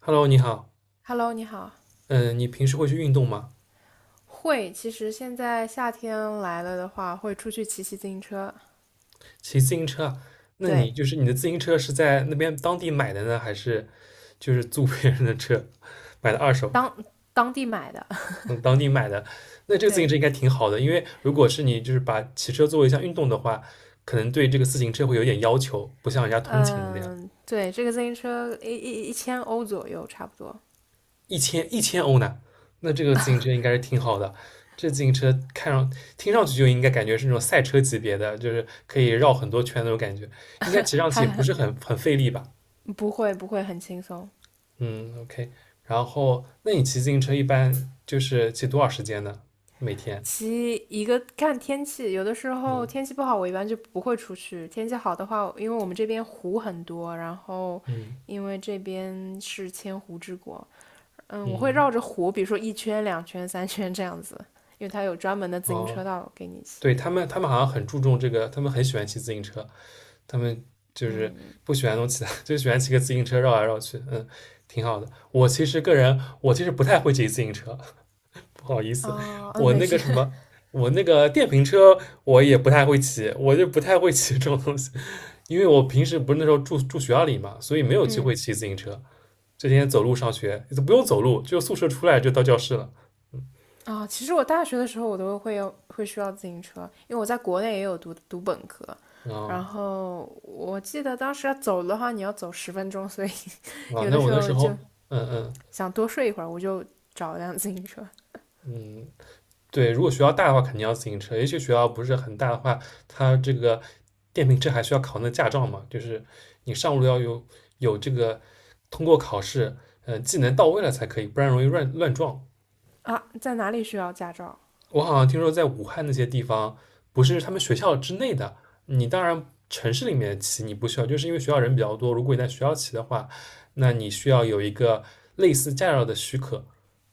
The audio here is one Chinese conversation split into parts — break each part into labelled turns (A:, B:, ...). A: Hello，你好。
B: Hello，你好。
A: 嗯，你平时会去运动吗？
B: 会，其实现在夏天来了的话，会出去骑骑自行车。
A: 骑自行车啊？那你
B: 对，
A: 你的自行车是在那边当地买的呢，还是就是租别人的车买的二手？
B: 当当地买的。
A: 嗯，当地买的。那这个自行车
B: 对，
A: 应该挺好的，因为如果是你就是把骑车作为一项运动的话，可能对这个自行车会有点要求，不像人家通勤的那样。
B: 嗯，对，这个自行车1000欧左右，差不多。
A: 一千欧呢，那这个自行车应该是挺好的。这自行车听上去就应该感觉是那种赛车级别的，就是可以绕很多圈那种感觉，应该骑 上去也不
B: 哈，
A: 是很费力吧？
B: 不会不会很轻松。
A: 嗯，OK。然后，那你骑自行车一般就是骑多少时间呢？每天？
B: 骑一个看天气，有的时候天
A: 嗯
B: 气不好，我一般就不会出去。天气好的话，因为我们这边湖很多，然后
A: 嗯
B: 因为这边是千湖之国，嗯，我会
A: 嗯，
B: 绕着湖，比如说一圈、两圈、三圈这样子，因为它有专门的自行车
A: 哦，
B: 道给你骑。
A: 对，他们好像很注重这个，他们很喜欢骑自行车，他们就是不喜欢弄其他，就喜欢骑个自行车绕来绕去，嗯，挺好的。我其实个人，我其实不太会骑自行车，不好意思，
B: 哦，嗯，
A: 我
B: 没
A: 那个
B: 事。
A: 什么，我那个电瓶车我也不太会骑，我就不太会骑这种东西，因为我平时不是那时候住学校里嘛，所以没有机
B: 嗯，
A: 会骑自行车，这天走路上学，都不用走路，就宿舍出来就到教室了。
B: 哦其实我大学的时候我都会要会需要自行车，因为我在国内也有读本科，然
A: 啊、
B: 后我记得当时要走的话，你要走10分钟，所以
A: 啊，
B: 有
A: 那
B: 的
A: 我
B: 时
A: 那时
B: 候就
A: 候，嗯嗯。
B: 想多睡一会儿，我就找一辆自行车。
A: 嗯，对，如果学校大的话，肯定要自行车。也许学校不是很大的话，它这个电瓶车还需要考那驾照嘛，就是你上路要有这个通过考试，嗯，技能到位了才可以，不然容易乱撞。
B: 啊，在哪里需要驾照？
A: 我好像听说在武汉那些地方，不是他们学校之内的，你当然城市里面骑你不需要，就是因为学校人比较多。如果你在学校骑的话，那你需要有一个类似驾照的许可，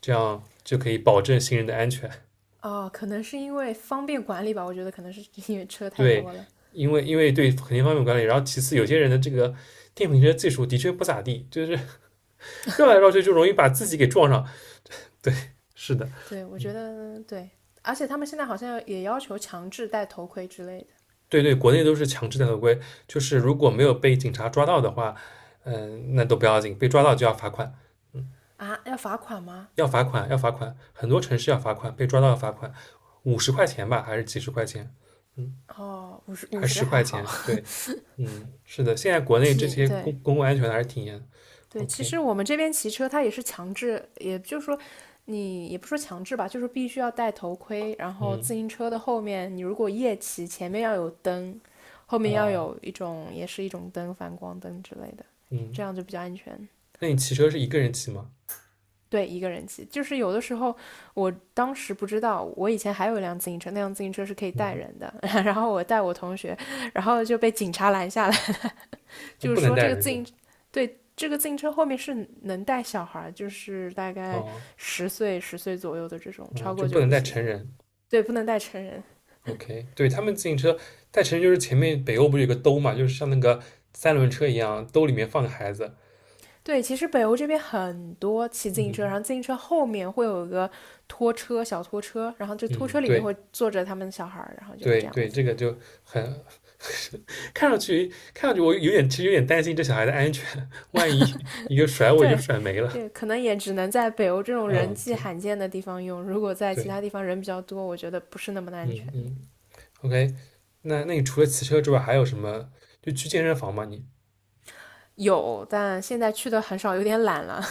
A: 这样就可以保证行人的安全。
B: 哦，可能是因为方便管理吧，我觉得可能是因为车太
A: 对，
B: 多了。
A: 因为对肯定方面管理，然后其次有些人的这个电瓶车技术的确不咋地，就是绕来绕去就容易把自己给撞上。对，是的，
B: 对，我觉
A: 嗯，
B: 得对，而且他们现在好像也要求强制戴头盔之类的
A: 对对，国内都是强制的合规，就是如果没有被警察抓到的话，嗯，那都不要紧，被抓到就要罚款，嗯，
B: 啊，要罚款吗？
A: 要罚款要罚款，很多城市要罚款，被抓到要罚款，50块钱吧，还是几十块钱，嗯，
B: 哦，五
A: 还
B: 十
A: 十
B: 还
A: 块
B: 好，
A: 钱，对，嗯，是的，现在国 内这些公
B: 对
A: 公共安全还是挺严
B: 对，其
A: ，OK，
B: 实我们这边骑车它也是强制，也就是说你也不说强制吧，就是必须要戴头盔，然后
A: 嗯。
B: 自行车的后面你如果夜骑，前面要有灯，后面要
A: 啊，
B: 有一种也是一种灯，反光灯之类的，这
A: 嗯，
B: 样就比较安全。
A: 那你骑车是一个人骑吗？
B: 对，一个人骑，就是有的时候，我当时不知道，我以前还有一辆自行车，那辆自行车是可以带
A: 嗯，
B: 人的，然后我带我同学，然后就被警察拦下来，
A: 他
B: 就
A: 不
B: 是
A: 能
B: 说
A: 带
B: 这个
A: 人
B: 自
A: 是吧？
B: 行，对，这个自行车后面是能带小孩就是大概
A: 哦，
B: 十岁左右的这种，超
A: 嗯，就
B: 过
A: 不
B: 就
A: 能
B: 不
A: 带成
B: 行，
A: 人。
B: 对，不能带成人。
A: OK，对，他们自行车带成人就是前面北欧不是有个兜嘛，就是像那个三轮车一样，兜里面放个孩子。
B: 对，其实北欧这边很多骑自行车，然
A: 嗯
B: 后自行车后面会有一个拖车，小拖车，然后这拖
A: 嗯，
B: 车里面
A: 对
B: 会坐着他们的小孩然后就
A: 对
B: 这样
A: 对，
B: 子。
A: 这个就很 看上去看上去我有点其实有点担心这小孩的安全，万一一个甩尾就
B: 对，
A: 甩没了。
B: 就可能也只能在北欧这种人
A: 嗯，
B: 迹
A: 对
B: 罕见的地方用。如果在其
A: 对，
B: 他地方人比较多，我觉得不是那么的
A: 嗯
B: 安全的
A: 嗯，OK，那你除了骑车之外还有什么？就去健身房吗你？
B: 有，但现在去的很少，有点懒了。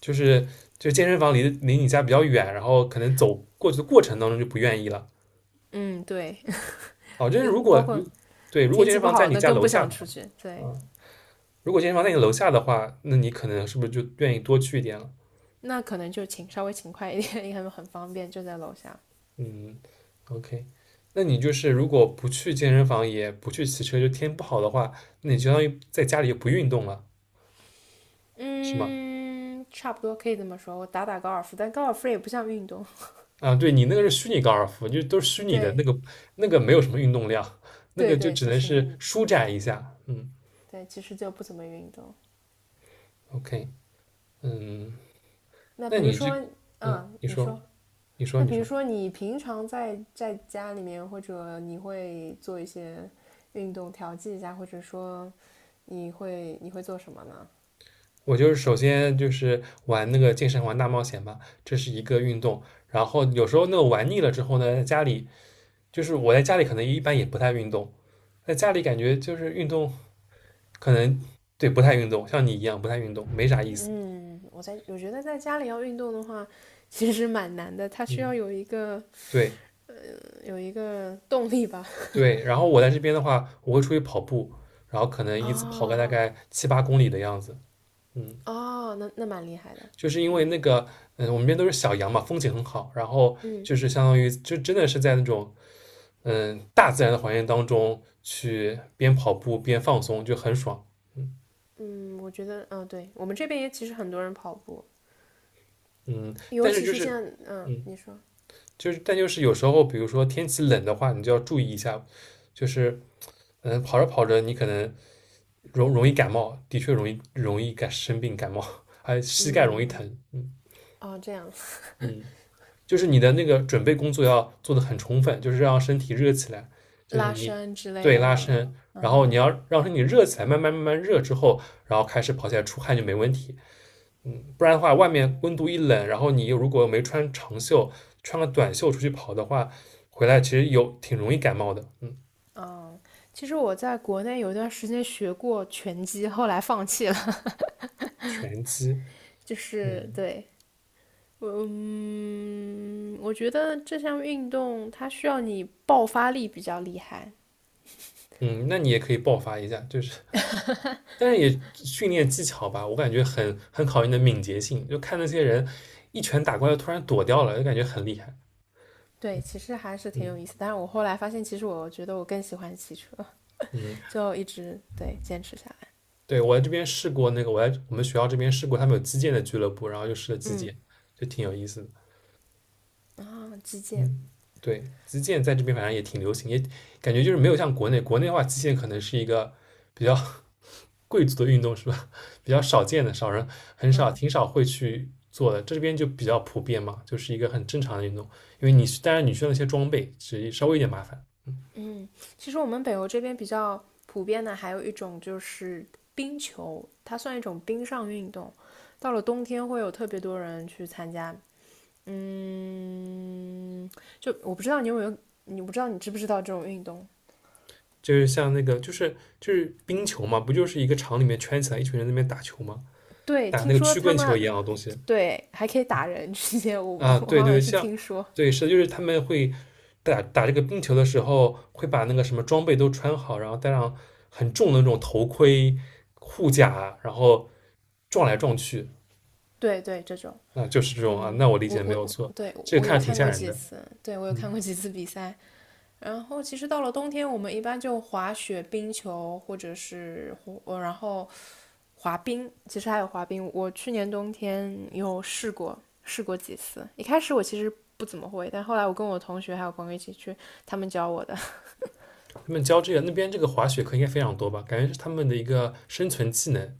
A: 就是健身房离你家比较远，然后可能走过去的过程当中就不愿意了。
B: 嗯，对，
A: 哦，就是
B: 也
A: 如果
B: 包括
A: 对，如果
B: 天
A: 健
B: 气
A: 身
B: 不
A: 房在
B: 好，
A: 你
B: 那
A: 家
B: 更
A: 楼
B: 不
A: 下
B: 想
A: 的
B: 出
A: 话，
B: 去。对，
A: 啊，如果健身房在你楼下的话，那你可能是不是就愿意多去一点了？
B: 那可能就勤稍微勤快一点，因为很方便，就在楼下。
A: 嗯，OK，那你就是如果不去健身房，也不去骑车，就天不好的话，那你相当于在家里就不运动了，是吗？
B: 嗯，差不多可以这么说。我打打高尔夫，但高尔夫也不像运动。
A: 啊，对你那个是虚拟高尔夫，就都是虚拟的，
B: 对，
A: 那个没有什么运动量，那
B: 对
A: 个就
B: 对，
A: 只
B: 其
A: 能
B: 实
A: 是舒展一下。嗯
B: 对，其实就不怎么运动。
A: ，OK，嗯，
B: 那
A: 那
B: 比如
A: 你这，
B: 说，
A: 嗯，
B: 嗯，
A: 你
B: 你
A: 说，
B: 说。
A: 你说，
B: 那
A: 你
B: 比如
A: 说，
B: 说你平常在家里面，或者你会做一些运动调剂一下，或者说你会做什么呢？
A: 我就是首先就是玩那个健身环大冒险吧，这是一个运动。然后有时候那个玩腻了之后呢，在家里就是我在家里可能一般也不太运动，在家里感觉就是运动可能对不太运动，像你一样不太运动，没啥意思。
B: 嗯，我在我觉得在家里要运动的话，其实蛮难的，它需
A: 嗯，
B: 要有一个
A: 对
B: 有一个动力吧。
A: 对。然后我在这边的话，我会出去跑步，然后可能 一次跑个
B: 哦
A: 大概7、8公里的样子。嗯。
B: 哦，那蛮厉害的。
A: 就是因为那个，嗯，我们这边都是小羊嘛，风景很好，然后
B: 嗯
A: 就是相当于就真的是在那种，嗯，大自然的环境当中去边跑步边放松，就很爽。嗯
B: 嗯，我觉得对我们这边也其实很多人跑步，
A: 嗯，
B: 尤
A: 但是
B: 其
A: 就
B: 是
A: 是，
B: 现在
A: 嗯，
B: 你说
A: 就是但就是有时候，比如说天气冷的话，你就要注意一下，就是，嗯，跑着跑着你可能容易感冒，的确容易生病感冒，还膝盖容易
B: 嗯
A: 疼。嗯
B: 哦这样
A: 嗯。就是你的那个准备工作要做的很充分，就是让身体热起来，就是
B: 拉
A: 你
B: 伸之类
A: 对
B: 的
A: 拉
B: 吗？
A: 伸，然后你
B: 啊
A: 要让身体热起来，慢慢热之后，然后开始跑起来出汗就没问题。嗯，不然的话，外
B: 嗯。
A: 面温度一冷，然后你又如果没穿长袖，穿个短袖出去跑的话，回来其实有挺容易感冒的。嗯，
B: 其实我在国内有一段时间学过拳击，后来放弃了。
A: 拳击，
B: 就是
A: 嗯
B: 对，嗯，我觉得这项运动它需要你爆发力比较厉害。
A: 嗯，那你也可以爆发一下，就是但是也训练技巧吧，我感觉很考验你的敏捷性。就看那些人一拳打过来，突然躲掉了，就感觉很厉害。
B: 对，其实还是挺
A: 嗯
B: 有意思。但是我后来发现，其实我觉得我更喜欢骑车，
A: 嗯，
B: 就一直对坚持下
A: 对，我在这边试过那个，我在我们学校这边试过，他们有击剑的俱乐部，然后又试了击剑，就挺有意思的。
B: 来啊。击剑，
A: 嗯，对，击剑在这边反正也挺流行，也感觉就是没有像国内，国内的话，击剑可能是一个比较 贵族的运动，是吧？比较少见的，少人很少，挺少会去做的。这边就比较普遍嘛，就是一个很正常的运动。因为你去当然你需要那些装备，只是稍微有点麻烦。
B: 嗯，其实我们北欧这边比较普遍的还有一种就是冰球，它算一种冰上运动。到了冬天会有特别多人去参加，嗯，就我不知道你有没有，你不知道你知不知道这种运动？
A: 就是像那个，就是冰球嘛，不就是一个场里面圈起来一群人在那边打球吗？
B: 对，
A: 打
B: 听
A: 那个
B: 说
A: 曲
B: 他
A: 棍球
B: 们
A: 一样的东西。
B: 对还可以打人之间，我
A: 啊，
B: 我
A: 对
B: 好像
A: 对，
B: 是
A: 像
B: 听说，
A: 对是的就是他们会打这个冰球的时候，会把那个什么装备都穿好，然后带上很重的那种头盔、护甲，然后撞来撞去，
B: 对对这种，
A: 啊，就是这种啊。
B: 嗯，
A: 那我理解
B: 我
A: 的没
B: 我
A: 有错，
B: 对
A: 这个
B: 我有
A: 看着挺
B: 看
A: 吓
B: 过
A: 人
B: 几
A: 的。
B: 次，对我有看
A: 嗯，
B: 过几次比赛，然后其实到了冬天，我们一般就滑雪、冰球，或者是然后滑冰。其实还有滑冰，我去年冬天有试过，试过几次。一开始我其实不怎么会，但后来我跟我同学还有朋友一起去，他们教我的。
A: 他们教这个那边这个滑雪课应该非常多吧？感觉是他们的一个生存技能。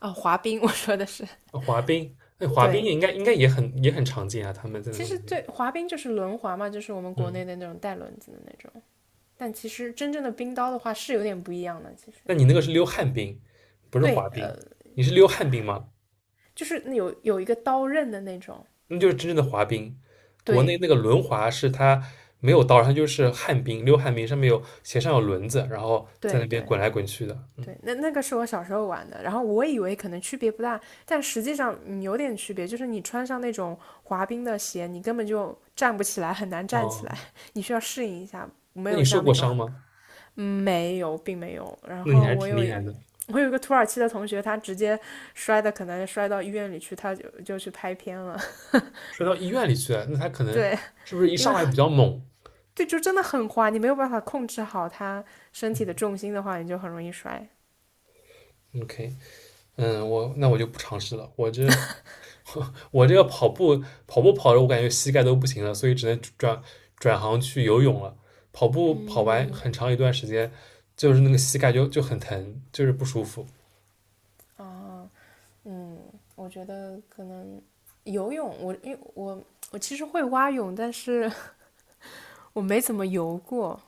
B: 哦，滑冰，我说的是
A: 啊滑冰，那滑冰
B: 对。
A: 也应该也很常见啊，他们在
B: 其
A: 那
B: 实
A: 边。
B: 最滑冰就是轮滑嘛，就是我们国
A: 嗯，
B: 内的那种带轮子的那种。但其实真正的冰刀的话是有点不一样的。其实
A: 那你那个是溜旱冰，不是滑
B: 对，
A: 冰，你是溜旱冰吗？
B: 就是有一个刀刃的那种。
A: 那就是真正的滑冰。国内
B: 对
A: 那个轮滑是它没有刀，它就是旱冰，溜旱冰，上面有鞋上有轮子，然后在
B: 对
A: 那边
B: 对。
A: 滚来滚去的。嗯，
B: 对，那个是我小时候玩的，然后我以为可能区别不大，但实际上有点区别，就是你穿上那种滑冰的鞋，你根本就站不起来，很难站起来，
A: 哦，
B: 你需要适应一下，没
A: 那
B: 有
A: 你受
B: 像
A: 过
B: 那种，
A: 伤吗？
B: 嗯没有，并没有。然
A: 那你
B: 后
A: 还是
B: 我
A: 挺
B: 有
A: 厉害的，
B: 我有一个土耳其的同学，他直接摔的，可能摔到医院里去，他就去拍片了。
A: 摔到医院里去了。那他可 能
B: 对，
A: 是不是一
B: 因
A: 上
B: 为
A: 来比较猛
B: 对，就真的很滑，你没有办法控制好他身体的重心的话，你就很容易摔。
A: ？OK，嗯，我那我就不尝试了。我这 我这个跑步跑着，我感觉膝盖都不行了，所以只能转行去游泳了。跑步跑完
B: 嗯，
A: 很长一段时间，就是那个膝盖就很疼，就是不舒服。
B: 哦，嗯，我觉得可能游泳，我因为我我其实会蛙泳，但是 我没怎么游过。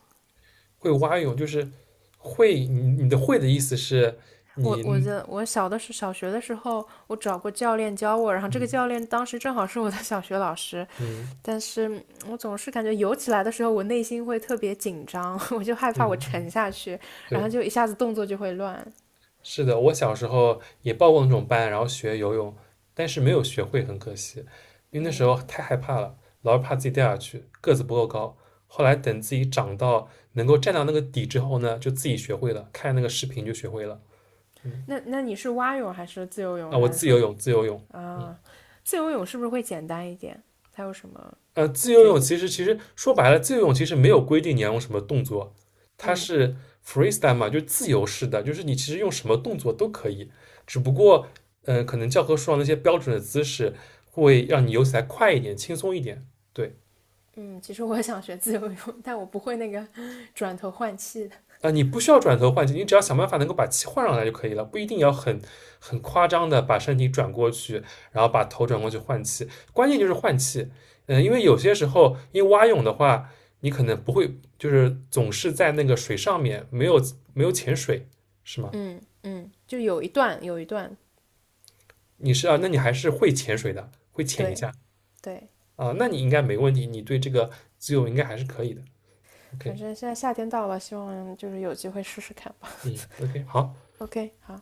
A: 会蛙泳就是会，你的会的意思是
B: 我我
A: 你，
B: 的我小学的时候，我找过教练教我，然后这个
A: 嗯
B: 教练当时正好是我的小学老师，
A: 嗯
B: 但是我总是感觉游起来的时候，我内心会特别紧张，我就害
A: 嗯
B: 怕我
A: 嗯，
B: 沉下去，然后
A: 对，
B: 就一下子动作就会乱。
A: 是的，我小时候也报过那种班，然后学游泳，但是没有学会，很可惜，因为那时候太害怕了，老是怕自己掉下去，个子不够高。后来等自己长到能够站到那个底之后呢，就自己学会了，看那个视频就学会了。嗯，
B: 那你是蛙泳还是自由泳，
A: 啊，
B: 还
A: 我
B: 是
A: 自由
B: 说
A: 泳，自由泳。嗯。
B: 啊，自由泳是不是会简单一点？它有什么
A: 呃，自由
B: 诀？
A: 泳其实说白了，自由泳其实没有规定你要用什么动作，它
B: 嗯。
A: 是 freestyle 嘛，就是自由式的，就是你其实用什么动作都可以，只不过嗯，可能教科书上那些标准的姿势会让你游起来快一点、轻松一点。对，
B: 嗯，其实我想学自由泳，但我不会那个转头换气的。
A: 啊，你不需要转头换气，你只要想办法能够把气换上来就可以了，不一定要很夸张的把身体转过去，然后把头转过去换气。关键就是
B: 行，
A: 换气，嗯，因为有些时候，因为蛙泳的话，你可能不会，就是总是在那个水上面，没有潜水，是吗？
B: 嗯嗯，就有一段，
A: 你是啊，那你还是会潜水的，会潜一
B: 对
A: 下
B: 对，
A: 啊，那你应该没问题，你对这个自由应该还是可以的。
B: 反
A: OK，
B: 正现在夏天到了，希望就是有机会试试看吧。
A: 嗯，OK，好。
B: OK，好。